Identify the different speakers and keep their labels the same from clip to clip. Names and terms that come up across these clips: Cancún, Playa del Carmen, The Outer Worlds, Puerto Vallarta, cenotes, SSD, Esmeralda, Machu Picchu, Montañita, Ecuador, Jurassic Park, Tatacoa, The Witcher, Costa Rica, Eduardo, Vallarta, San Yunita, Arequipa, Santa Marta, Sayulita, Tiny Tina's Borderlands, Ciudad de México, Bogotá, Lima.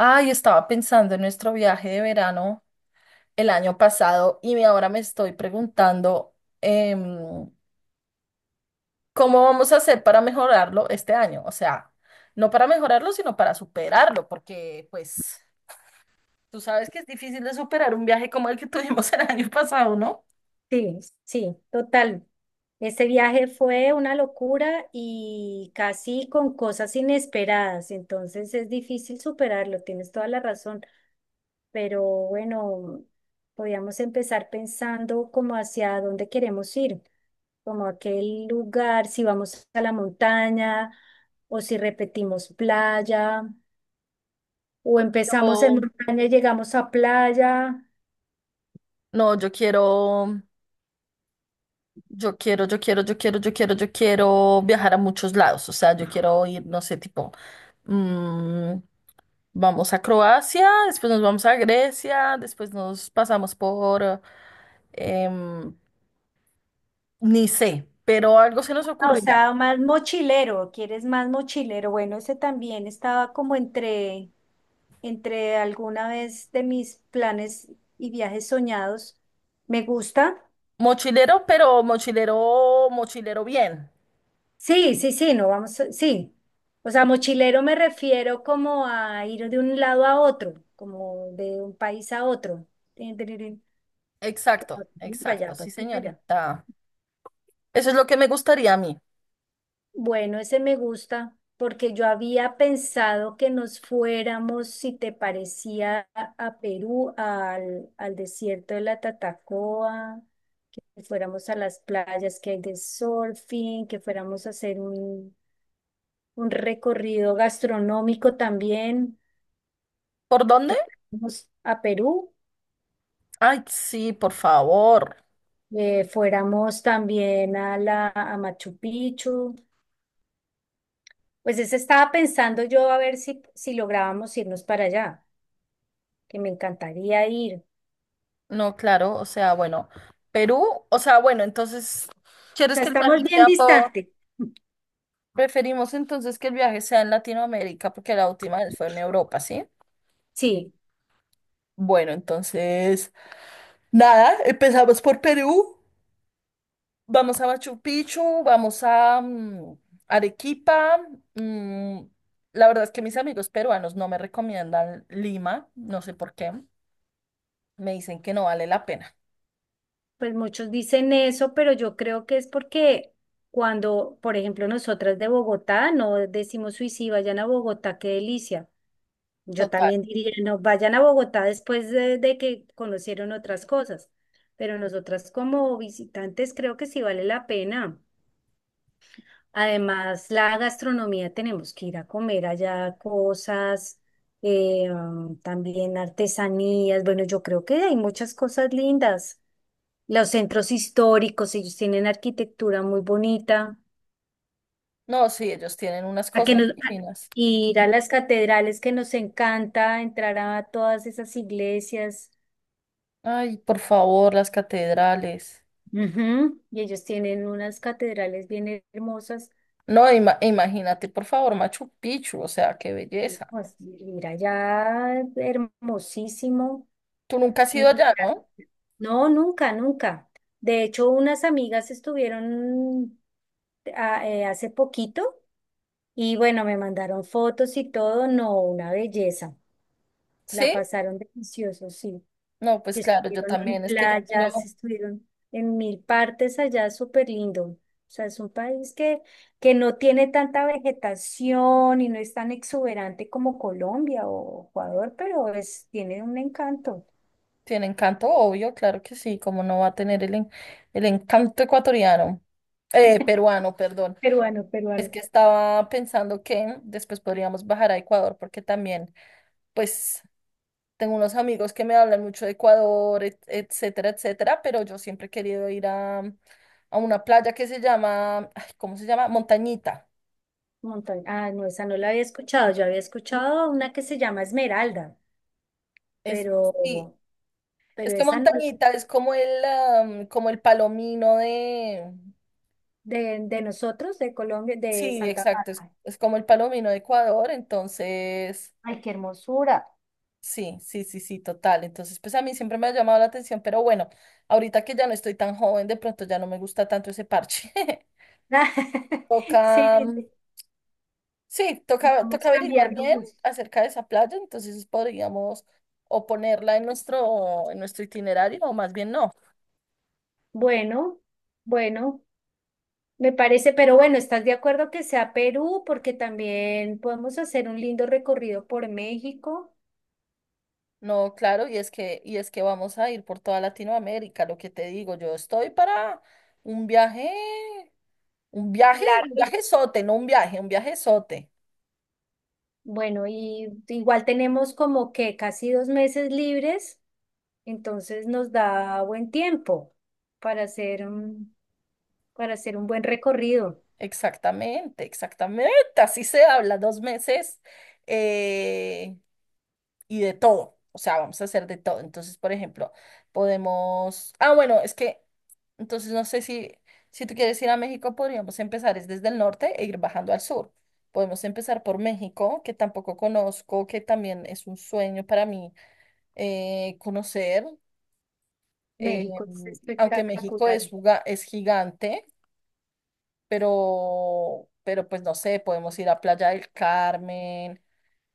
Speaker 1: Ay, estaba pensando en nuestro viaje de verano el año pasado y ahora me estoy preguntando em, cómo vamos a hacer para mejorarlo este año. O sea, no para mejorarlo, sino para superarlo, porque pues tú sabes que es difícil de superar un viaje como el que tuvimos el año pasado, ¿no?
Speaker 2: Sí, sí, total. Este viaje fue una locura y casi con cosas inesperadas, entonces es difícil superarlo, tienes toda la razón, pero bueno, podíamos empezar pensando como hacia dónde queremos ir, como aquel lugar, si vamos a la montaña o si repetimos playa o empezamos en
Speaker 1: No,
Speaker 2: montaña y llegamos a playa.
Speaker 1: no, yo quiero. Yo quiero, yo quiero, yo quiero, yo quiero, yo quiero viajar a muchos lados. O sea, yo quiero ir, no sé, tipo, mm, vamos a Croacia, después nos vamos a Grecia, después nos pasamos por, em, ni sé, pero algo se nos
Speaker 2: Ah, o
Speaker 1: ocurrirá.
Speaker 2: sea, más mochilero, ¿quieres más mochilero? Bueno, ese también estaba como entre, entre alguna vez de mis planes y viajes soñados. ¿Me gusta?
Speaker 1: Mochilero, pero mochilero, mochilero bien.
Speaker 2: Sí, sí, sí, no vamos, sí. O sea, mochilero me refiero como a ir de un lado a otro, como de un país a otro. Tin, tin, tin, tin, que pa'
Speaker 1: Exacto,
Speaker 2: aquí, para
Speaker 1: exacto,
Speaker 2: allá,
Speaker 1: sí,
Speaker 2: para aquí, para allá.
Speaker 1: señorita. Eso es lo que me gustaría a mí.
Speaker 2: Bueno, ese me gusta porque yo había pensado que nos fuéramos, si te parecía, a Perú, al, al desierto de la Tatacoa, que fuéramos a las playas que hay de surfing, que fuéramos a hacer un recorrido gastronómico también,
Speaker 1: ¿Por dónde?
Speaker 2: que fuéramos a Perú,
Speaker 1: Ay, sí, por favor.
Speaker 2: fuéramos también a la a Machu Picchu. Pues ese estaba pensando yo a ver si, si lográbamos irnos para allá, que me encantaría ir. O
Speaker 1: No, claro, o sea, bueno, Perú, o sea, bueno, entonces, ¿quieres
Speaker 2: sea,
Speaker 1: que el
Speaker 2: estamos
Speaker 1: viaje
Speaker 2: bien
Speaker 1: sea por...
Speaker 2: distantes.
Speaker 1: Preferimos entonces que el viaje sea en Latinoamérica porque la última vez fue en Europa, ¿sí?
Speaker 2: Sí,
Speaker 1: Bueno, entonces, nada, empezamos por Perú, vamos a Machu Picchu, vamos a Arequipa. mm, la verdad es que mis amigos peruanos no me recomiendan Lima, no sé por qué, me dicen que no vale la pena.
Speaker 2: pues muchos dicen eso, pero yo creo que es porque cuando, por ejemplo, nosotras de Bogotá no decimos, uy, sí, vayan a Bogotá, qué delicia. Yo
Speaker 1: Total.
Speaker 2: también diría, no, vayan a Bogotá después de que conocieron otras cosas. Pero nosotras como visitantes creo que sí vale la pena. Además, la gastronomía, tenemos que ir a comer allá cosas, también artesanías. Bueno, yo creo que hay muchas cosas lindas. Los centros históricos, ellos tienen arquitectura muy bonita.
Speaker 1: No, sí, ellos tienen unas
Speaker 2: A que
Speaker 1: cosas
Speaker 2: nos, a-
Speaker 1: divinas.
Speaker 2: ir a las catedrales que nos encanta, entrar a todas esas iglesias.
Speaker 1: Ay, por favor, las catedrales.
Speaker 2: Ujú. Y ellos tienen unas catedrales bien hermosas.
Speaker 1: No, imagínate, por favor, Machu Picchu, o sea, qué belleza.
Speaker 2: Pues, ir allá, hermosísimo.
Speaker 1: Tú nunca has ido
Speaker 2: Y
Speaker 1: allá, ¿no?
Speaker 2: no, nunca, nunca. De hecho, unas amigas estuvieron hace poquito y bueno, me mandaron fotos y todo. No, una belleza. La
Speaker 1: ¿Sí?
Speaker 2: pasaron delicioso, sí.
Speaker 1: No, pues
Speaker 2: Que
Speaker 1: claro, yo
Speaker 2: estuvieron en
Speaker 1: también. Es que yo miro,
Speaker 2: playas, estuvieron en mil partes allá, súper lindo. O sea, es un país que no tiene tanta vegetación y no es tan exuberante como Colombia o Ecuador, pero es, tiene un encanto.
Speaker 1: tiene encanto, obvio, claro que sí, como no va a tener el, el encanto ecuatoriano, peruano, perdón.
Speaker 2: Peruano,
Speaker 1: Es
Speaker 2: peruano.
Speaker 1: que estaba pensando que después podríamos bajar a Ecuador, porque también, pues, tengo unos amigos que me hablan mucho de Ecuador, etcétera, etcétera, pero yo siempre he querido ir a una playa que se llama, ay, ¿cómo se llama? Montañita.
Speaker 2: Montaña. Ah, no, esa no la había escuchado. Yo había escuchado una que se llama Esmeralda,
Speaker 1: Es, sí,
Speaker 2: pero,
Speaker 1: es
Speaker 2: pero
Speaker 1: que
Speaker 2: esa no la-
Speaker 1: Montañita es como el, como el palomino de...
Speaker 2: de nosotros, de Colombia, de
Speaker 1: Sí,
Speaker 2: Santa
Speaker 1: exacto,
Speaker 2: Marta.
Speaker 1: es como el palomino de Ecuador, entonces,
Speaker 2: Ay, qué hermosura.
Speaker 1: sí, sí, sí, sí, total. Entonces, pues a mí siempre me ha llamado la atención, pero bueno, ahorita que ya no estoy tan joven, de pronto ya no me gusta tanto ese parche. Toca...
Speaker 2: Sí, sí,
Speaker 1: Sí, toca,
Speaker 2: vamos
Speaker 1: toca averiguar
Speaker 2: cambiando
Speaker 1: bien
Speaker 2: gusto.
Speaker 1: acerca de esa playa, entonces podríamos o ponerla en nuestro itinerario, o más bien no.
Speaker 2: Bueno, bueno, me parece, pero bueno, ¿estás de acuerdo que sea Perú? Porque también podemos hacer un lindo recorrido por México.
Speaker 1: No, claro, y es que vamos a ir por toda Latinoamérica, lo que te digo, yo estoy para un viaje, un viaje, un
Speaker 2: Largo.
Speaker 1: viaje sote, no un viaje, un viaje sote.
Speaker 2: Bueno, y igual tenemos como que casi dos meses libres. Entonces nos da buen tiempo para hacer un, para hacer un buen recorrido.
Speaker 1: Exactamente, exactamente, así se habla, 2 meses. Eh, y de todo. O sea, vamos a hacer de todo. Entonces, por ejemplo, podemos... Ah, bueno, es que... Entonces, no sé si, si tú quieres ir a México, podríamos empezar es desde el norte e ir bajando al sur. Podemos empezar por México, que tampoco conozco, que también es un sueño para mí conocer. eh,
Speaker 2: México es
Speaker 1: Aunque México
Speaker 2: espectacular.
Speaker 1: es, es gigante, pero pues no sé, podemos ir a Playa del Carmen,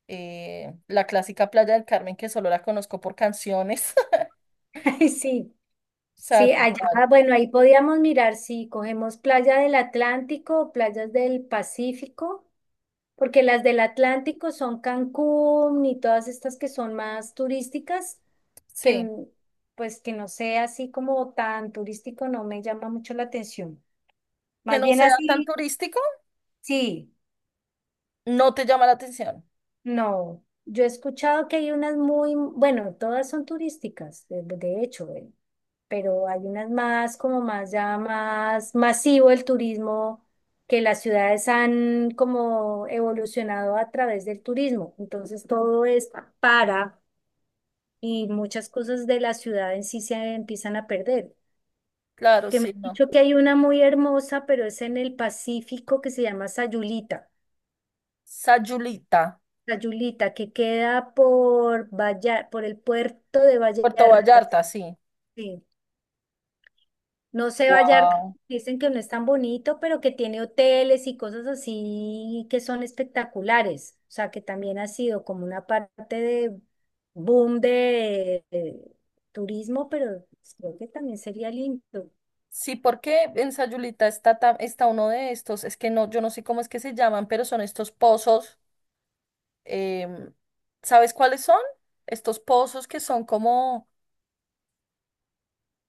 Speaker 1: la clásica Playa del Carmen que solo la conozco por canciones.
Speaker 2: Ay, sí,
Speaker 1: Sea,
Speaker 2: sí, allá,
Speaker 1: total,
Speaker 2: bueno, ahí podíamos mirar si cogemos playa del Atlántico o playas del Pacífico, porque las del Atlántico son Cancún y todas estas que son más turísticas, que
Speaker 1: sí.
Speaker 2: n- pues que no sea así como tan turístico no me llama mucho la atención.
Speaker 1: Que
Speaker 2: Más
Speaker 1: no
Speaker 2: bien
Speaker 1: sea tan
Speaker 2: así,
Speaker 1: turístico,
Speaker 2: sí.
Speaker 1: no te llama la atención.
Speaker 2: No, yo he escuchado que hay unas muy, bueno, todas son turísticas, de hecho, pero hay unas más, como más ya más masivo el turismo, que las ciudades han como evolucionado a través del turismo. Entonces todo es para y muchas cosas de la ciudad en sí se empiezan a perder.
Speaker 1: Claro,
Speaker 2: Que me
Speaker 1: sí,
Speaker 2: han
Speaker 1: no.
Speaker 2: dicho que hay una muy hermosa, pero es en el Pacífico que se llama Sayulita.
Speaker 1: Sayulita,
Speaker 2: La Yulita, que queda por Vallar, por el puerto de
Speaker 1: Puerto
Speaker 2: Vallarta.
Speaker 1: Vallarta, sí.
Speaker 2: Sí. No sé, Vallarta,
Speaker 1: Wow.
Speaker 2: dicen que no es tan bonito, pero que tiene hoteles y cosas así que son espectaculares. O sea, que también ha sido como una parte de boom de turismo, pero creo que también sería lindo.
Speaker 1: Sí, porque en Sayulita está, está uno de estos, es que no, yo no sé cómo es que se llaman, pero son estos pozos. em, ¿Sabes cuáles son? Estos pozos que son como,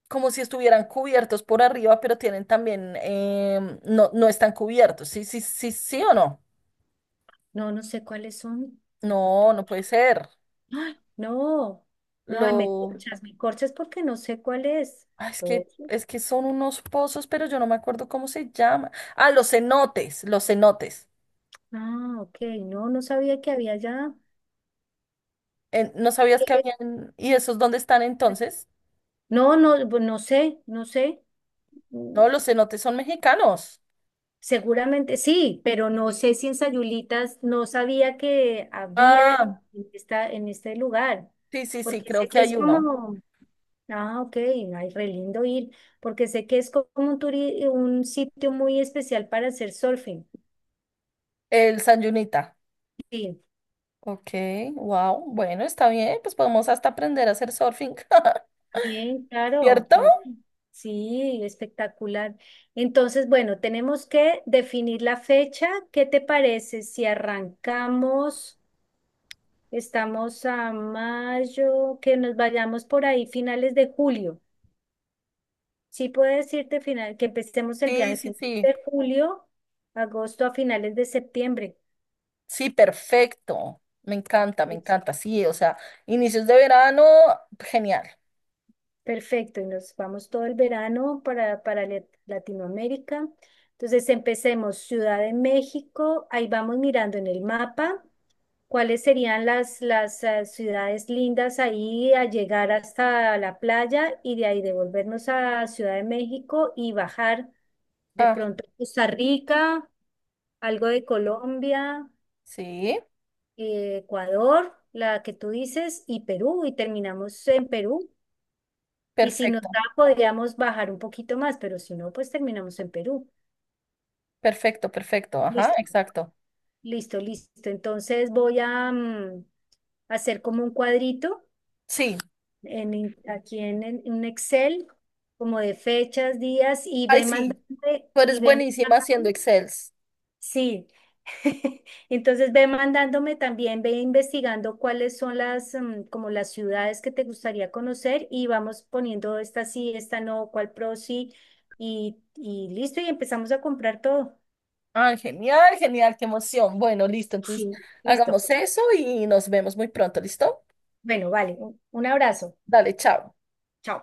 Speaker 1: como si estuvieran cubiertos por arriba, pero tienen también, no, no están cubiertos. Sí, sí, sí, sí o no.
Speaker 2: No, no sé cuáles son.
Speaker 1: No,
Speaker 2: Po-
Speaker 1: no puede ser.
Speaker 2: ¡Ay! No, no, ay,
Speaker 1: Lo,
Speaker 2: me corchas porque no sé cuál es.
Speaker 1: ah, es que son unos pozos, pero yo no me acuerdo cómo se llama. Ah, los cenotes, los cenotes.
Speaker 2: Ah, ok, no, no sabía que había ya.
Speaker 1: ¿No sabías que
Speaker 2: que-
Speaker 1: habían? ¿Y esos dónde están entonces?
Speaker 2: No, no, pues no sé, no sé. Mm,
Speaker 1: No, los cenotes son mexicanos.
Speaker 2: Seguramente sí, pero no sé si en Sayulitas no sabía que había
Speaker 1: Ah,
Speaker 2: en esta, en este lugar,
Speaker 1: sí, sí, sí,
Speaker 2: porque
Speaker 1: creo
Speaker 2: sé
Speaker 1: que
Speaker 2: que es
Speaker 1: hay uno.
Speaker 2: como, ah, ok, ay, re lindo ir, porque sé que es como un sitio muy especial para hacer surfing.
Speaker 1: El San Yunita.
Speaker 2: Sí.
Speaker 1: Ok, wow. Bueno, está bien, pues podemos hasta aprender a hacer surfing.
Speaker 2: Bien, claro.
Speaker 1: ¿Cierto?
Speaker 2: Sí, espectacular. Entonces, bueno, tenemos que definir la fecha. ¿Qué te parece si arrancamos, estamos a mayo, que nos vayamos por ahí finales de julio? Sí, puedo decirte final, que empecemos el
Speaker 1: Sí,
Speaker 2: viaje
Speaker 1: sí,
Speaker 2: finales
Speaker 1: sí.
Speaker 2: de julio, agosto a finales de septiembre.
Speaker 1: Sí, perfecto. Me encanta, me encanta. Sí, o sea, inicios de verano, genial.
Speaker 2: Perfecto, y nos vamos todo el verano para, para Latinoamérica. Entonces empecemos Ciudad de México, ahí vamos mirando en el mapa cuáles serían las, las ciudades lindas ahí a llegar hasta la playa y de ahí devolvernos a Ciudad de México y bajar de
Speaker 1: Ah,
Speaker 2: pronto a Costa Rica, algo de Colombia,
Speaker 1: sí,
Speaker 2: Ecuador, la que tú dices, y Perú, y terminamos en Perú. Y si nos
Speaker 1: perfecto.
Speaker 2: da, podríamos bajar un poquito más, pero si no, pues terminamos en Perú.
Speaker 1: Perfecto, perfecto. Ajá,
Speaker 2: Listo,
Speaker 1: exacto.
Speaker 2: listo, listo. Entonces voy a hacer como un cuadrito
Speaker 1: Sí,
Speaker 2: en, aquí en, en un Excel, como de fechas, días, y
Speaker 1: ay,
Speaker 2: ve
Speaker 1: sí.
Speaker 2: mandando,
Speaker 1: Tú
Speaker 2: y
Speaker 1: eres
Speaker 2: ve
Speaker 1: buenísima haciendo
Speaker 2: mandándome.
Speaker 1: Excels.
Speaker 2: Sí, entonces ve mandándome también, ve investigando cuáles son las, como las ciudades que te gustaría conocer y vamos poniendo esta sí, esta no, cuál pro sí y listo y empezamos a comprar todo.
Speaker 1: Ah, genial, genial, qué emoción. Bueno, listo. Entonces,
Speaker 2: Sí. Listo.
Speaker 1: hagamos eso y nos vemos muy pronto, ¿listo?
Speaker 2: Bueno, vale, un abrazo.
Speaker 1: Dale, chao.
Speaker 2: Chao.